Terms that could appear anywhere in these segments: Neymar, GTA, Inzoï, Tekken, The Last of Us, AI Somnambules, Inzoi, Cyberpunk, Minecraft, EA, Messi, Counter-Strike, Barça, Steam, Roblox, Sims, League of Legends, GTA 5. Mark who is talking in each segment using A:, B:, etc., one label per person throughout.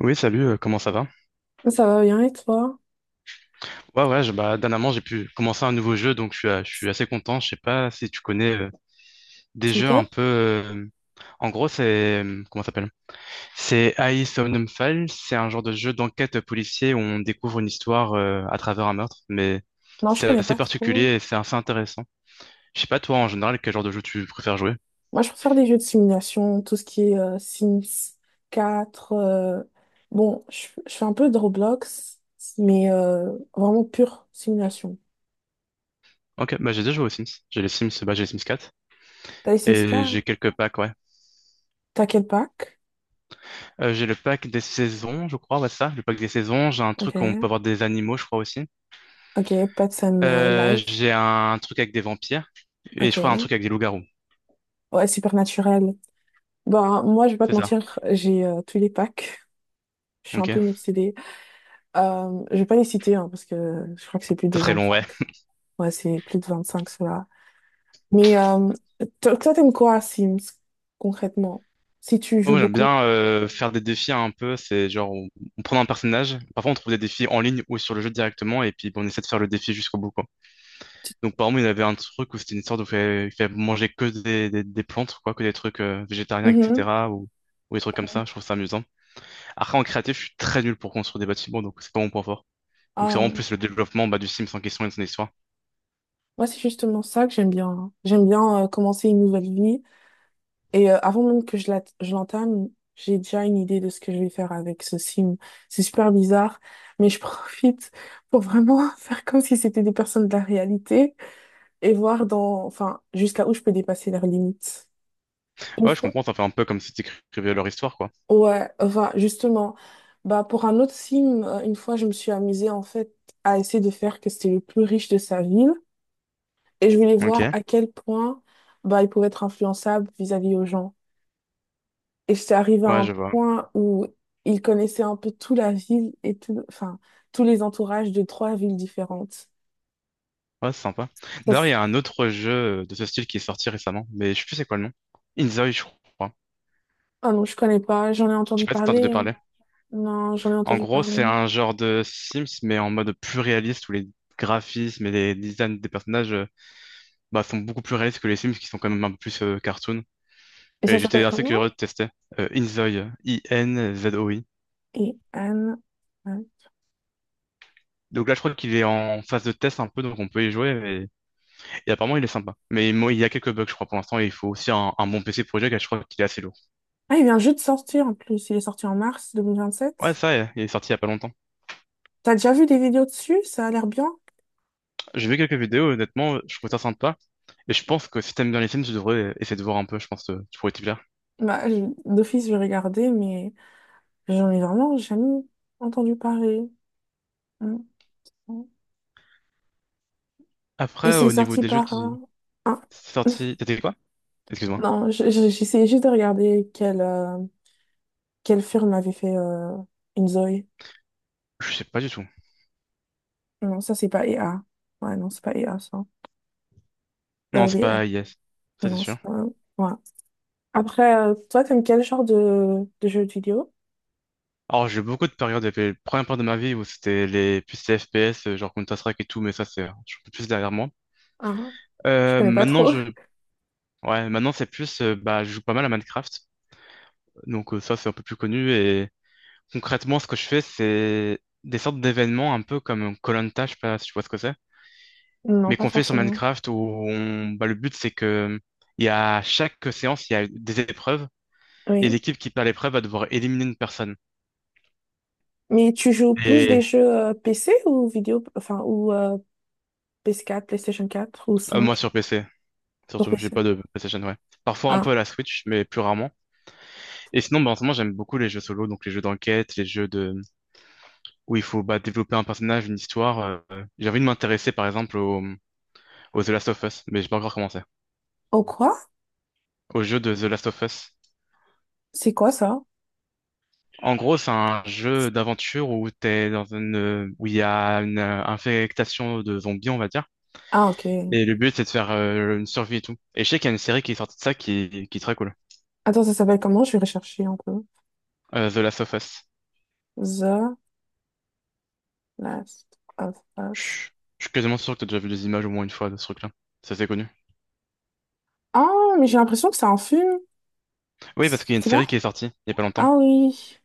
A: Oui, salut, comment ça va?
B: Ça va bien et toi?
A: Ouais, ouais, bah, dernièrement, j'ai pu commencer un nouveau jeu, donc je suis assez content. Je sais pas si tu connais des
B: C'est
A: jeux
B: lequel?
A: un peu. En gros, c'est, comment ça s'appelle? C'est AI Somnambules. C'est un genre de jeu d'enquête policier où on découvre une histoire à travers un meurtre, mais
B: Non, je
A: c'est
B: connais
A: assez
B: pas trop.
A: particulier et c'est assez intéressant. Je sais pas, toi, en général, quel genre de jeu tu préfères jouer?
B: Moi, je préfère des jeux de simulation, tout ce qui est Sims 4 bon, je fais un peu de Roblox, mais vraiment pure simulation.
A: Ok, bah, j'ai déjà joué aux Sims. J'ai les Sims 4
B: T'as les Sims
A: et
B: quatre
A: j'ai quelques packs, ouais.
B: T'as quel pack?
A: J'ai le pack des saisons, je crois, ouais, c'est ça, le pack des saisons. J'ai un
B: Ok.
A: truc où on peut avoir des animaux, je crois aussi.
B: Ok, Pets and Life.
A: J'ai un truc avec des vampires et je crois un
B: Ok.
A: truc avec des loups-garous.
B: Ouais, Supernaturel. Bah, moi, je vais pas te
A: C'est ça.
B: mentir, j'ai tous les packs. Je suis un peu
A: Ok.
B: une obsédée. Je vais pas les citer, hein, parce que je crois que c'est plus de
A: C'est très
B: vingt
A: long, ouais.
B: cinq Ouais, c'est plus de 25, ceux-là. Mais toi, t'aimes quoi à Sims, concrètement? Si tu
A: Bon,
B: joues
A: moi, j'aime
B: beaucoup.
A: bien faire des défis hein, un peu. C'est genre, on prend un personnage. Parfois, on trouve des défis en ligne ou sur le jeu directement et puis bon, on essaie de faire le défi jusqu'au bout, quoi.
B: Tu-
A: Donc, par exemple, il y avait un truc où c'était une sorte de fait manger que des plantes, quoi, que des trucs végétariens,
B: Mhm.
A: etc. Ou des trucs comme ça. Je trouve ça amusant. Après, en créatif, je suis très nul pour construire des bâtiments, donc c'est pas mon point fort. Donc c'est vraiment
B: Ah,
A: plus le développement bah, du Sims en question et de son histoire.
B: moi, c'est justement ça que j'aime bien, hein. J'aime bien commencer une nouvelle vie. Et avant même que je l'entame, j'ai déjà une idée de ce que je vais faire avec ce sim. C'est super bizarre, mais je profite pour vraiment faire comme si c'était des personnes de la réalité et voir dans, enfin, jusqu'à où je peux dépasser leurs limites. Une
A: Ouais, je
B: fois,
A: comprends, ça fait un peu comme si tu écrivais leur histoire, quoi.
B: ouais, enfin, justement, bah, pour un autre film, une fois, je me suis amusée, en fait, à essayer de faire que c'était le plus riche de sa ville. Et je voulais
A: Ok,
B: voir à quel point, bah, il pouvait être influençable vis-à-vis aux gens. Et j'étais arrivée à
A: ouais,
B: un
A: je vois.
B: point où il connaissait un peu toute la ville et tout, enfin, tous les entourages de trois villes différentes.
A: Ouais, c'est sympa.
B: Ça,
A: D'ailleurs,
B: s-
A: il y a un autre jeu de ce style qui est sorti récemment, mais je sais plus c'est quoi le nom. Inzoi, je crois.
B: ah non, je connais pas. J'en ai
A: Je sais
B: entendu
A: pas si t'as entendu
B: parler, hein.
A: parler.
B: Non, j'en ai
A: En
B: entendu
A: gros,
B: parler.
A: c'est un genre de Sims, mais en mode plus réaliste, où les graphismes et les designs des personnages bah, sont beaucoup plus réalistes que les Sims, qui sont quand même un peu plus cartoon.
B: Et ça
A: Et j'étais
B: s'appelle
A: assez
B: comment?
A: curieux de tester. Inzoi, I-N-Z-O-I.
B: Et Anne.
A: Donc là, je crois qu'il est en phase de test un peu, donc on peut y jouer. Et apparemment, il est sympa. Mais moi, il y a quelques bugs, je crois, pour l'instant. Et il faut aussi un bon PC pour jouer, car je crois qu'il est assez lourd.
B: Ah, il vient juste de sortir en plus. Il est sorti en mars deux mille vingt
A: Ouais,
B: sept
A: ça, il est sorti il y a pas longtemps.
B: T'as déjà vu des vidéos dessus? Ça a l'air bien.
A: J'ai vu quelques vidéos, honnêtement, je trouve ça sympa. Et je pense que si t'aimes bien les Sims, tu devrais essayer de voir un peu, je pense que tu pourrais t'y plaire.
B: Bah, d'office, je vais regarder, mais j'en ai vraiment jamais entendu parler. Mm. Mm. Et
A: Après,
B: c'est
A: au niveau
B: sorti
A: des jeux,
B: par.
A: tu...
B: Un-
A: C'est sorti. T'as dit quoi? Excuse-moi.
B: Non, j'essayais juste de regarder quel, quel film avait fait Inzoï.
A: Je sais pas du tout.
B: Non, ça, c'est pas EA. Ouais, non, c'est pas EA, ça.
A: Non, c'est
B: Early Act.
A: pas Yes. Ça, c'est
B: Non,
A: sûr.
B: c'est pas. Ouais. Après, toi, t'aimes quel genre de jeux vidéo?
A: Alors, j'ai eu beaucoup de périodes, les premières périodes de ma vie où c'était les plus les FPS, genre Counter-Strike et tout, mais ça, c'est, je suis un peu plus derrière moi.
B: Ah, je connais pas
A: Maintenant,
B: trop.
A: ouais, maintenant, c'est plus, bah, je joue pas mal à Minecraft. Donc, ça, c'est un peu plus connu. Et concrètement, ce que je fais, c'est des sortes d'événements un peu comme koh je sais pas si tu vois ce que c'est,
B: Non,
A: mais
B: pas
A: qu'on fait sur
B: forcément.
A: Minecraft où on, bah, le but, c'est que, il y a chaque séance, il y a des épreuves. Et
B: Oui.
A: l'équipe qui perd l'épreuve va devoir éliminer une personne.
B: Mais tu joues plus des
A: Et
B: jeux PC ou vidéo, enfin, ou PS4 PlayStation quatre ou
A: moi
B: 5
A: sur PC,
B: pour
A: surtout, j'ai
B: PC?
A: pas de PlayStation, ouais. Parfois un peu
B: Ah,
A: à la Switch, mais plus rarement. Et sinon, bah, en ce moment, j'aime beaucoup les jeux solo, donc les jeux d'enquête, les jeux de où il faut bah, développer un personnage, une histoire. J'ai envie de m'intéresser par exemple au The Last of Us, mais j'ai pas encore commencé.
B: oh quoi?
A: Au jeu de The Last of Us.
B: C'est quoi ça?
A: En gros, c'est un jeu d'aventure où t'es dans une où il y a une infectation de zombies, on va dire.
B: Ah, ok.
A: Et le but, c'est de faire une survie et tout. Et je sais qu'il y a une série qui est sortie de ça qui est très cool.
B: Attends, ça s'appelle comment? Je vais rechercher un peu.
A: The Last of Us.
B: The Last of
A: Je
B: Us.
A: suis je suis quasiment sûr que t'as déjà vu les images au moins une fois de ce truc-là. Ça c'est connu.
B: Ah, mais j'ai l'impression que c'est un film.
A: Oui, parce qu'il y a une
B: C'est
A: série
B: pas?
A: qui est sortie il y a pas longtemps.
B: Ah oui.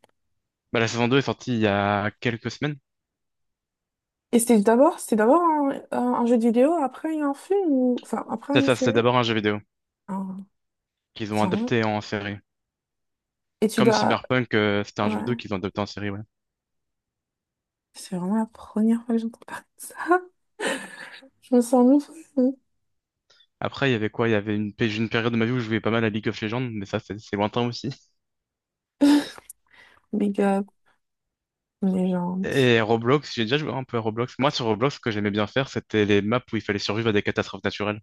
A: Bah, la saison 2 est sortie il y a quelques semaines.
B: Et c'était d'abord un jeu de vidéo, après il y a un film ou, enfin, après
A: Ça,
B: une
A: ça, c'est
B: série?
A: d'abord un jeu vidéo
B: Ah,
A: qu'ils ont
B: c'est vrai.
A: adapté en série.
B: Et tu
A: Comme
B: dois,
A: Cyberpunk, c'était un jeu vidéo
B: ouais.
A: qu'ils ont adapté en série, ouais.
B: C'est vraiment la première fois que j'entends parler de ça. Je me sens nouveau.
A: Après, il y avait quoi? Il y avait une période de ma vie où je jouais pas mal à League of Legends, mais ça, c'est lointain aussi.
B: Big up, légende.
A: Et Roblox, j'ai déjà joué un peu à Roblox. Moi, sur Roblox, ce que j'aimais bien faire, c'était les maps où il fallait survivre à des catastrophes naturelles.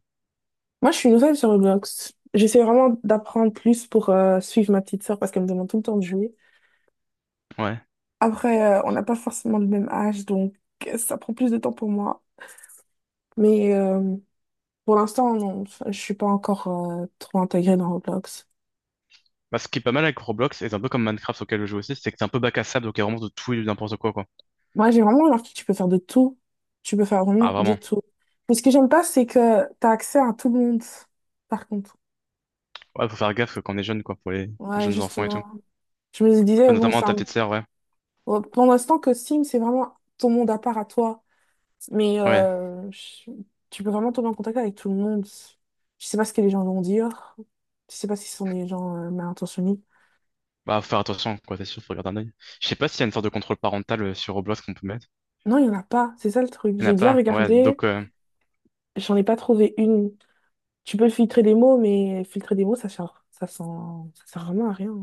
B: Moi, je suis nouvelle sur Roblox. J'essaie vraiment d'apprendre plus pour suivre ma petite sœur parce qu'elle me demande tout le temps de jouer.
A: Ouais.
B: Après, on n'a pas forcément le même âge, donc ça prend plus de temps pour moi. Mais pour l'instant, non, je suis pas encore trop intégrée dans Roblox.
A: Bah, ce qui est pas mal avec Roblox, et c'est un peu comme Minecraft auquel je joue aussi, c'est que c'est un peu bac à sable, donc il y a vraiment de tout et de n'importe quoi, quoi.
B: Moi, j'ai vraiment remarqué que tu peux faire de tout. Tu peux faire
A: Ah,
B: vraiment de
A: vraiment.
B: tout. Mais ce que j'aime pas, c'est que tu as accès à tout le monde, par contre.
A: Ouais, faut faire gaffe quand on est jeune, quoi, pour les
B: Ouais,
A: jeunes enfants et tout.
B: justement. Je me
A: Bah,
B: disais, bon,
A: notamment ta petite sœur, ouais.
B: bon, pour l'instant que Steam, c'est vraiment ton monde à part à toi. Mais
A: Ouais.
B: tu peux vraiment tomber en contact avec tout le monde. Je sais pas ce que les gens vont dire. Je sais pas si ce sont des gens mal intentionnés.
A: Bah, faut faire attention, quoi, c'est sûr, faut garder un œil. Je sais pas s'il y a une sorte de contrôle parental sur Roblox qu'on peut mettre.
B: Non, il y en a pas. C'est ça le truc.
A: Il n'y en
B: J'ai
A: a
B: dû
A: pas, ouais,
B: regarder.
A: donc
B: J'en ai pas trouvé une. Tu peux filtrer des mots, mais filtrer des mots, ça sert vraiment à rien.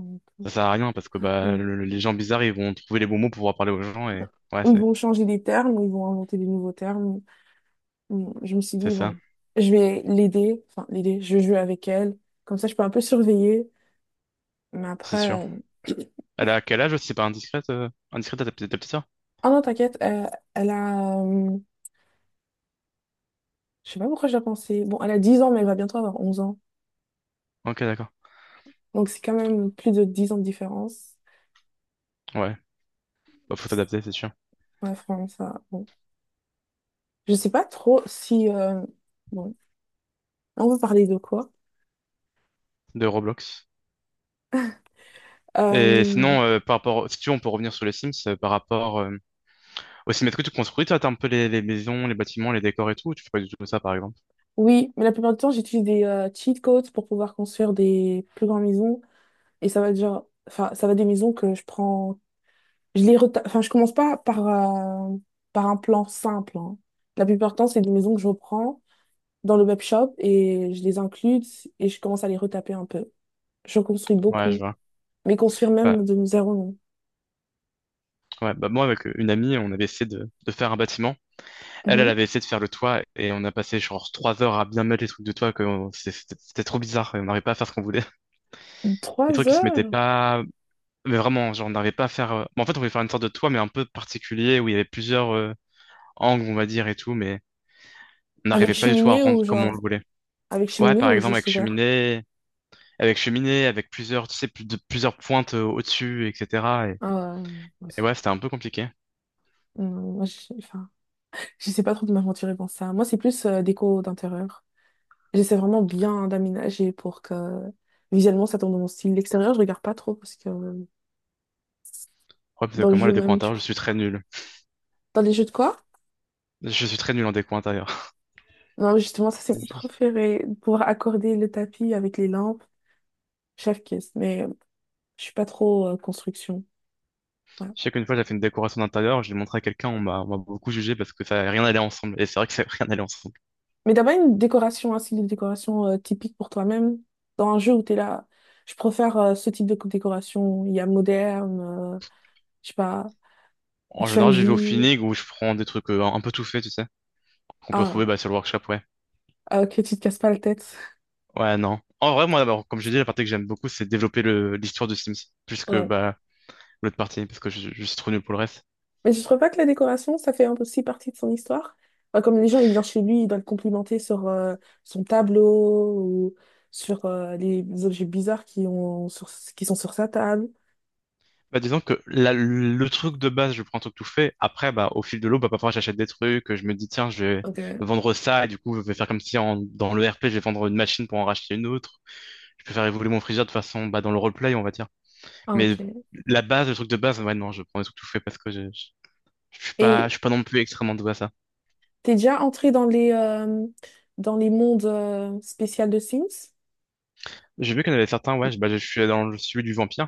A: ça sert à rien, parce que bah, les gens bizarres, ils vont trouver les bons mots pour pouvoir parler aux gens, et ouais,
B: Ils
A: c'est
B: vont changer des termes, ils vont inventer des nouveaux termes. Bon, je me suis
A: c'est
B: dit,
A: ça,
B: bon, je vais l'aider, enfin l'aider, je vais jouer avec elle, comme ça je peux un peu surveiller. Mais
A: c'est sûr.
B: après,
A: Elle a quel âge, si c'est pas indiscrète à ta petite sœur?
B: ah non, t'inquiète, elle a, je sais pas pourquoi je l'ai pensé, bon, elle a 10 ans, mais elle va bientôt avoir 11 ans.
A: Ok, d'accord.
B: Donc c'est quand même plus de 10 ans de différence.
A: Ouais. Bah, faut t'adapter, c'est sûr.
B: Ouais, franchement, ça, bon. Je sais pas trop si, bon, on veut parler de quoi?
A: De Roblox. Et
B: Euh,
A: sinon, par rapport, si tu veux, on peut revenir sur les Sims, par rapport au Sims. Est-ce que tu construis, toi, t'as un peu les maisons, les bâtiments, les décors et tout, ou tu fais pas du tout ça, par exemple?
B: oui, mais la plupart du temps, j'utilise des cheat codes pour pouvoir construire des plus grandes maisons. Et ça va être genre, enfin, ça va être des maisons que je prends. Enfin, je commence pas par, par un plan simple, hein. La plupart du temps, c'est des maisons que je reprends dans le web shop et je les inclus et je commence à les retaper un peu. Je construis
A: Ouais, je
B: beaucoup,
A: vois.
B: mais construire
A: Bah,
B: même de zéro, non.
A: ouais, bah moi, avec une amie, on avait essayé de faire un bâtiment. Elle, elle avait essayé de faire le toit et on a passé genre 3 heures à bien mettre les trucs de toit que c'était trop bizarre et on n'arrivait pas à faire ce qu'on voulait.
B: Mhm.
A: Les
B: Trois
A: trucs, ils se mettaient
B: heures?
A: pas. Mais vraiment, genre, on n'arrivait pas à faire. Bon, en fait, on voulait faire une sorte de toit, mais un peu particulier, où il y avait plusieurs angles, on va dire, et tout, mais on
B: Avec
A: n'arrivait pas du tout à
B: cheminée ou
A: rendre comme on
B: genre,
A: le voulait.
B: avec
A: Ouais,
B: cheminée
A: par
B: ou
A: exemple,
B: juste
A: avec
B: ouvert?
A: cheminée, avec cheminée, avec plusieurs, tu sais, plusieurs pointes au-dessus, etc. Et,
B: Ah, ouais.
A: et ouais, c'était un peu compliqué.
B: Non, moi, je, enfin, je sais pas trop de m'aventurer dans ça. Moi, c'est plus déco d'intérieur. J'essaie vraiment bien d'aménager pour que visuellement ça tombe dans mon style. L'extérieur, je regarde pas trop parce que
A: Ouais, parce que
B: dans le
A: comme moi, le
B: jeu
A: déco
B: même, du
A: intérieur, je
B: coup.
A: suis très nul.
B: Dans les jeux de quoi?
A: Je suis très nul en déco intérieur.
B: Non, justement, ça c'est mon préféré. Pouvoir accorder le tapis avec les lampes. Chef kiss. Mais je suis pas trop construction. Voilà.
A: Je sais qu'une fois, j'ai fait une décoration d'intérieur, je l'ai montré à quelqu'un, on m'a beaucoup jugé parce que ça rien n'allait ensemble. Et c'est vrai que ça rien n'allait ensemble.
B: Mais d'abord, une décoration, hein, c'est une décoration typique pour toi-même. Dans un jeu où t'es là, je préfère ce type de décoration. Il y a moderne, euh, je sais pas,
A: En
B: train de
A: général, j'y vais au
B: vie.
A: feeling où je prends des trucs un peu tout faits, tu sais, qu'on peut trouver
B: Ah,
A: bah, sur le workshop, ouais.
B: que tu te casses pas la tête.
A: Ouais, non. En vrai, moi, d'abord, comme je dis, la partie que j'aime beaucoup, c'est développer l'histoire de Sims, plus que bah, l'autre partie, parce que je suis trop nul pour le reste.
B: Mais je trouve pas que la décoration, ça fait un peu aussi partie de son histoire. Enfin, comme les gens, ils viennent chez lui, ils doivent le complimenter sur son tableau ou sur les objets bizarres qui ont sur, qui sont sur sa table.
A: Bah, disons que le truc de base, je prends un truc tout fait. Après, bah, au fil de l'eau, bah, parfois, j'achète des trucs, je me dis, tiens, je vais
B: Ok.
A: vendre ça, et du coup, je vais faire comme si en, dans le RP, je vais vendre une machine pour en racheter une autre. Je peux faire évoluer mon frigeur de façon, bah, dans le roleplay, on va dire.
B: Ah,
A: Mais
B: ok.
A: la base, le truc de base, ouais, non, je prends des trucs tout fait parce que je
B: Et
A: suis pas non plus extrêmement doué à ça.
B: t'es déjà entré dans les, dans les mondes spéciaux de Sims?
A: J'ai vu qu'il y en avait certains, ouais, bah, je suis dans le celui du vampire.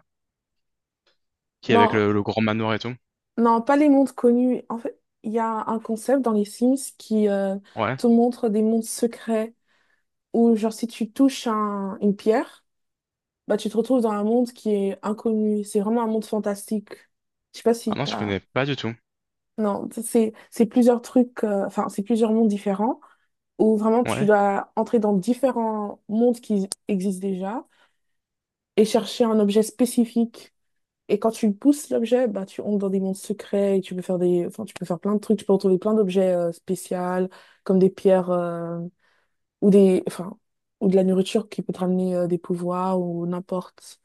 A: Qui est avec
B: Non,
A: le grand manoir et tout.
B: non, pas les mondes connus. En fait, il y a un concept dans les Sims qui
A: Ouais.
B: te montre des mondes secrets où, genre, si tu touches une pierre, bah, tu te retrouves dans un monde qui est inconnu. C'est vraiment un monde fantastique. Je sais pas
A: Ah
B: si
A: non, je
B: t'as.
A: connais pas du tout.
B: Non, c'est plusieurs trucs, enfin, c'est plusieurs mondes différents où vraiment tu
A: Ouais.
B: dois entrer dans différents mondes qui existent déjà et chercher un objet spécifique. Et quand tu pousses l'objet, bah, tu entres dans des mondes secrets et tu peux faire des, enfin, tu peux faire plein de trucs. Tu peux retrouver plein d'objets spéciaux comme des pierres ou des, enfin, ou de la nourriture qui peut te ramener des pouvoirs ou n'importe.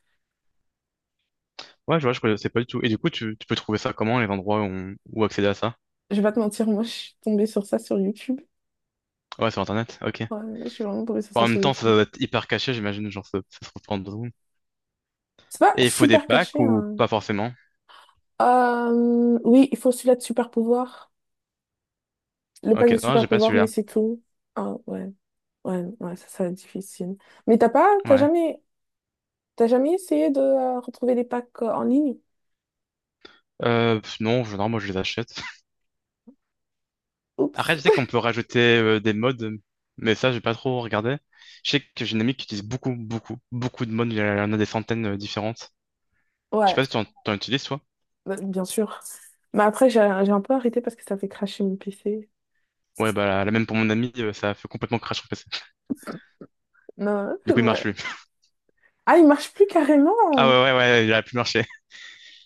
A: Ouais, je vois, je connaissais pas du tout. Et du coup, tu peux trouver ça comment, les endroits où accéder à ça?
B: Je vais pas te mentir, moi, je suis tombée sur ça sur YouTube.
A: Ouais, sur Internet, ok.
B: Ouais, je suis vraiment tombée sur
A: Bon,
B: ça
A: en même
B: sur
A: temps, ça
B: YouTube.
A: doit être hyper caché, j'imagine, genre, ça se retrouve en 2 secondes.
B: C'est pas
A: Et il faut des
B: super
A: packs
B: caché,
A: ou
B: hein.
A: pas forcément?
B: Oui, il faut celui-là de super pouvoir. Le pack de
A: Ok, non,
B: super
A: j'ai pas
B: pouvoir, mais
A: celui-là.
B: c'est tout. Ah, ouais. Ouais, ouais, ça va être difficile. Mais
A: Ouais.
B: t'as jamais essayé de retrouver les packs en ligne?
A: Pff, non, non, moi, je les achète.
B: Oups.
A: Après, je sais qu'on peut rajouter des mods, mais ça, j'ai pas trop regardé. Je sais que j'ai une amie qui utilise beaucoup, beaucoup, beaucoup de mods. Il y en a des centaines différentes. Je sais
B: Ouais,
A: pas si t'en utilises.
B: bah, bien sûr. Mais après, j'ai un peu arrêté parce que ça fait crasher mon PC.
A: Ouais, bah, la même pour mon ami, ça a fait complètement crash sur PC.
B: Non,
A: Du coup, il marche
B: ouais.
A: plus.
B: Ah, il marche plus
A: Ah
B: carrément.
A: ouais, ouais, ouais, il a plus marché.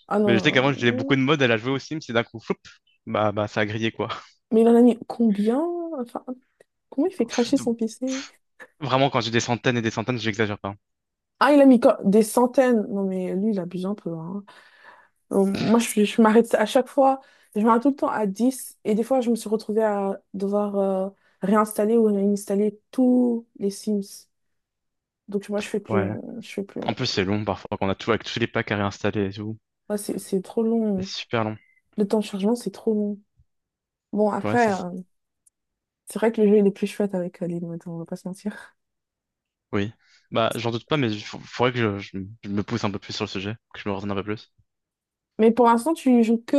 B: Ah non,
A: Mais je sais
B: non,
A: qu'avant, j'avais beaucoup
B: non.
A: de modes, elle a joué au Sims, et d'un coup, floup, bah, ça a grillé, quoi.
B: Mais il en a mis combien? Enfin, comment il fait cracher son PC?
A: Vraiment, quand j'ai des centaines et des centaines, j'exagère pas.
B: Ah, il a des centaines. Non, mais lui, il abuse un peu, hein. Moi, je m'arrête à chaque fois. Je m'arrête tout le temps à 10. Et des fois, je me suis retrouvée à devoir réinstaller ou réinstaller tous les Sims. Donc, moi, je fais plus.
A: Ouais.
B: Je fais plus.
A: En plus, c'est long, parfois, qu'on a tout, avec tous les packs à réinstaller et tout.
B: Ouais, c'est trop
A: C'est
B: long.
A: super long.
B: Le temps de chargement, c'est trop long. Bon,
A: Ouais, c'est,
B: après, c'est vrai que le jeu, il est plus chouette avec les modes, on va pas se mentir.
A: oui. Bah, j'en doute pas, mais faudrait que je me pousse un peu plus sur le sujet, que je me renseigne un peu plus.
B: Mais pour l'instant, tu joues que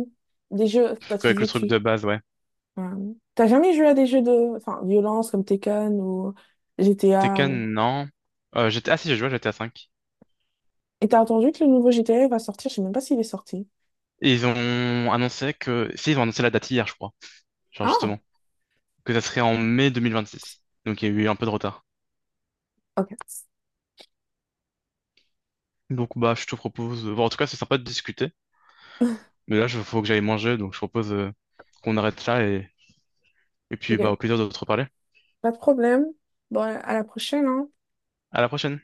B: des jeux. Bah, tu
A: Avec le
B: disais que
A: truc
B: tu.
A: de base, ouais.
B: Ouais. T'as jamais joué à des jeux de enfin, violence comme Tekken ou GTA ou.
A: Tekken, non. Ah si, j'ai joué à GTA 5.
B: Et t'as entendu que le nouveau GTA va sortir, je sais même pas s'il est sorti.
A: Et ils ont annoncé que, si, ils ont annoncé la date hier, je crois. Genre,
B: Ah,
A: justement, que ça serait en mai 2026. Donc il y a eu un peu de retard.
B: ok.
A: Donc bah je te propose, bon, en tout cas c'est sympa de discuter, mais là il faut que j'aille manger, donc je propose qu'on arrête là et puis bah
B: Ok,
A: au plaisir de te reparler.
B: pas de problème. Bon, à la prochaine, hein.
A: À la prochaine.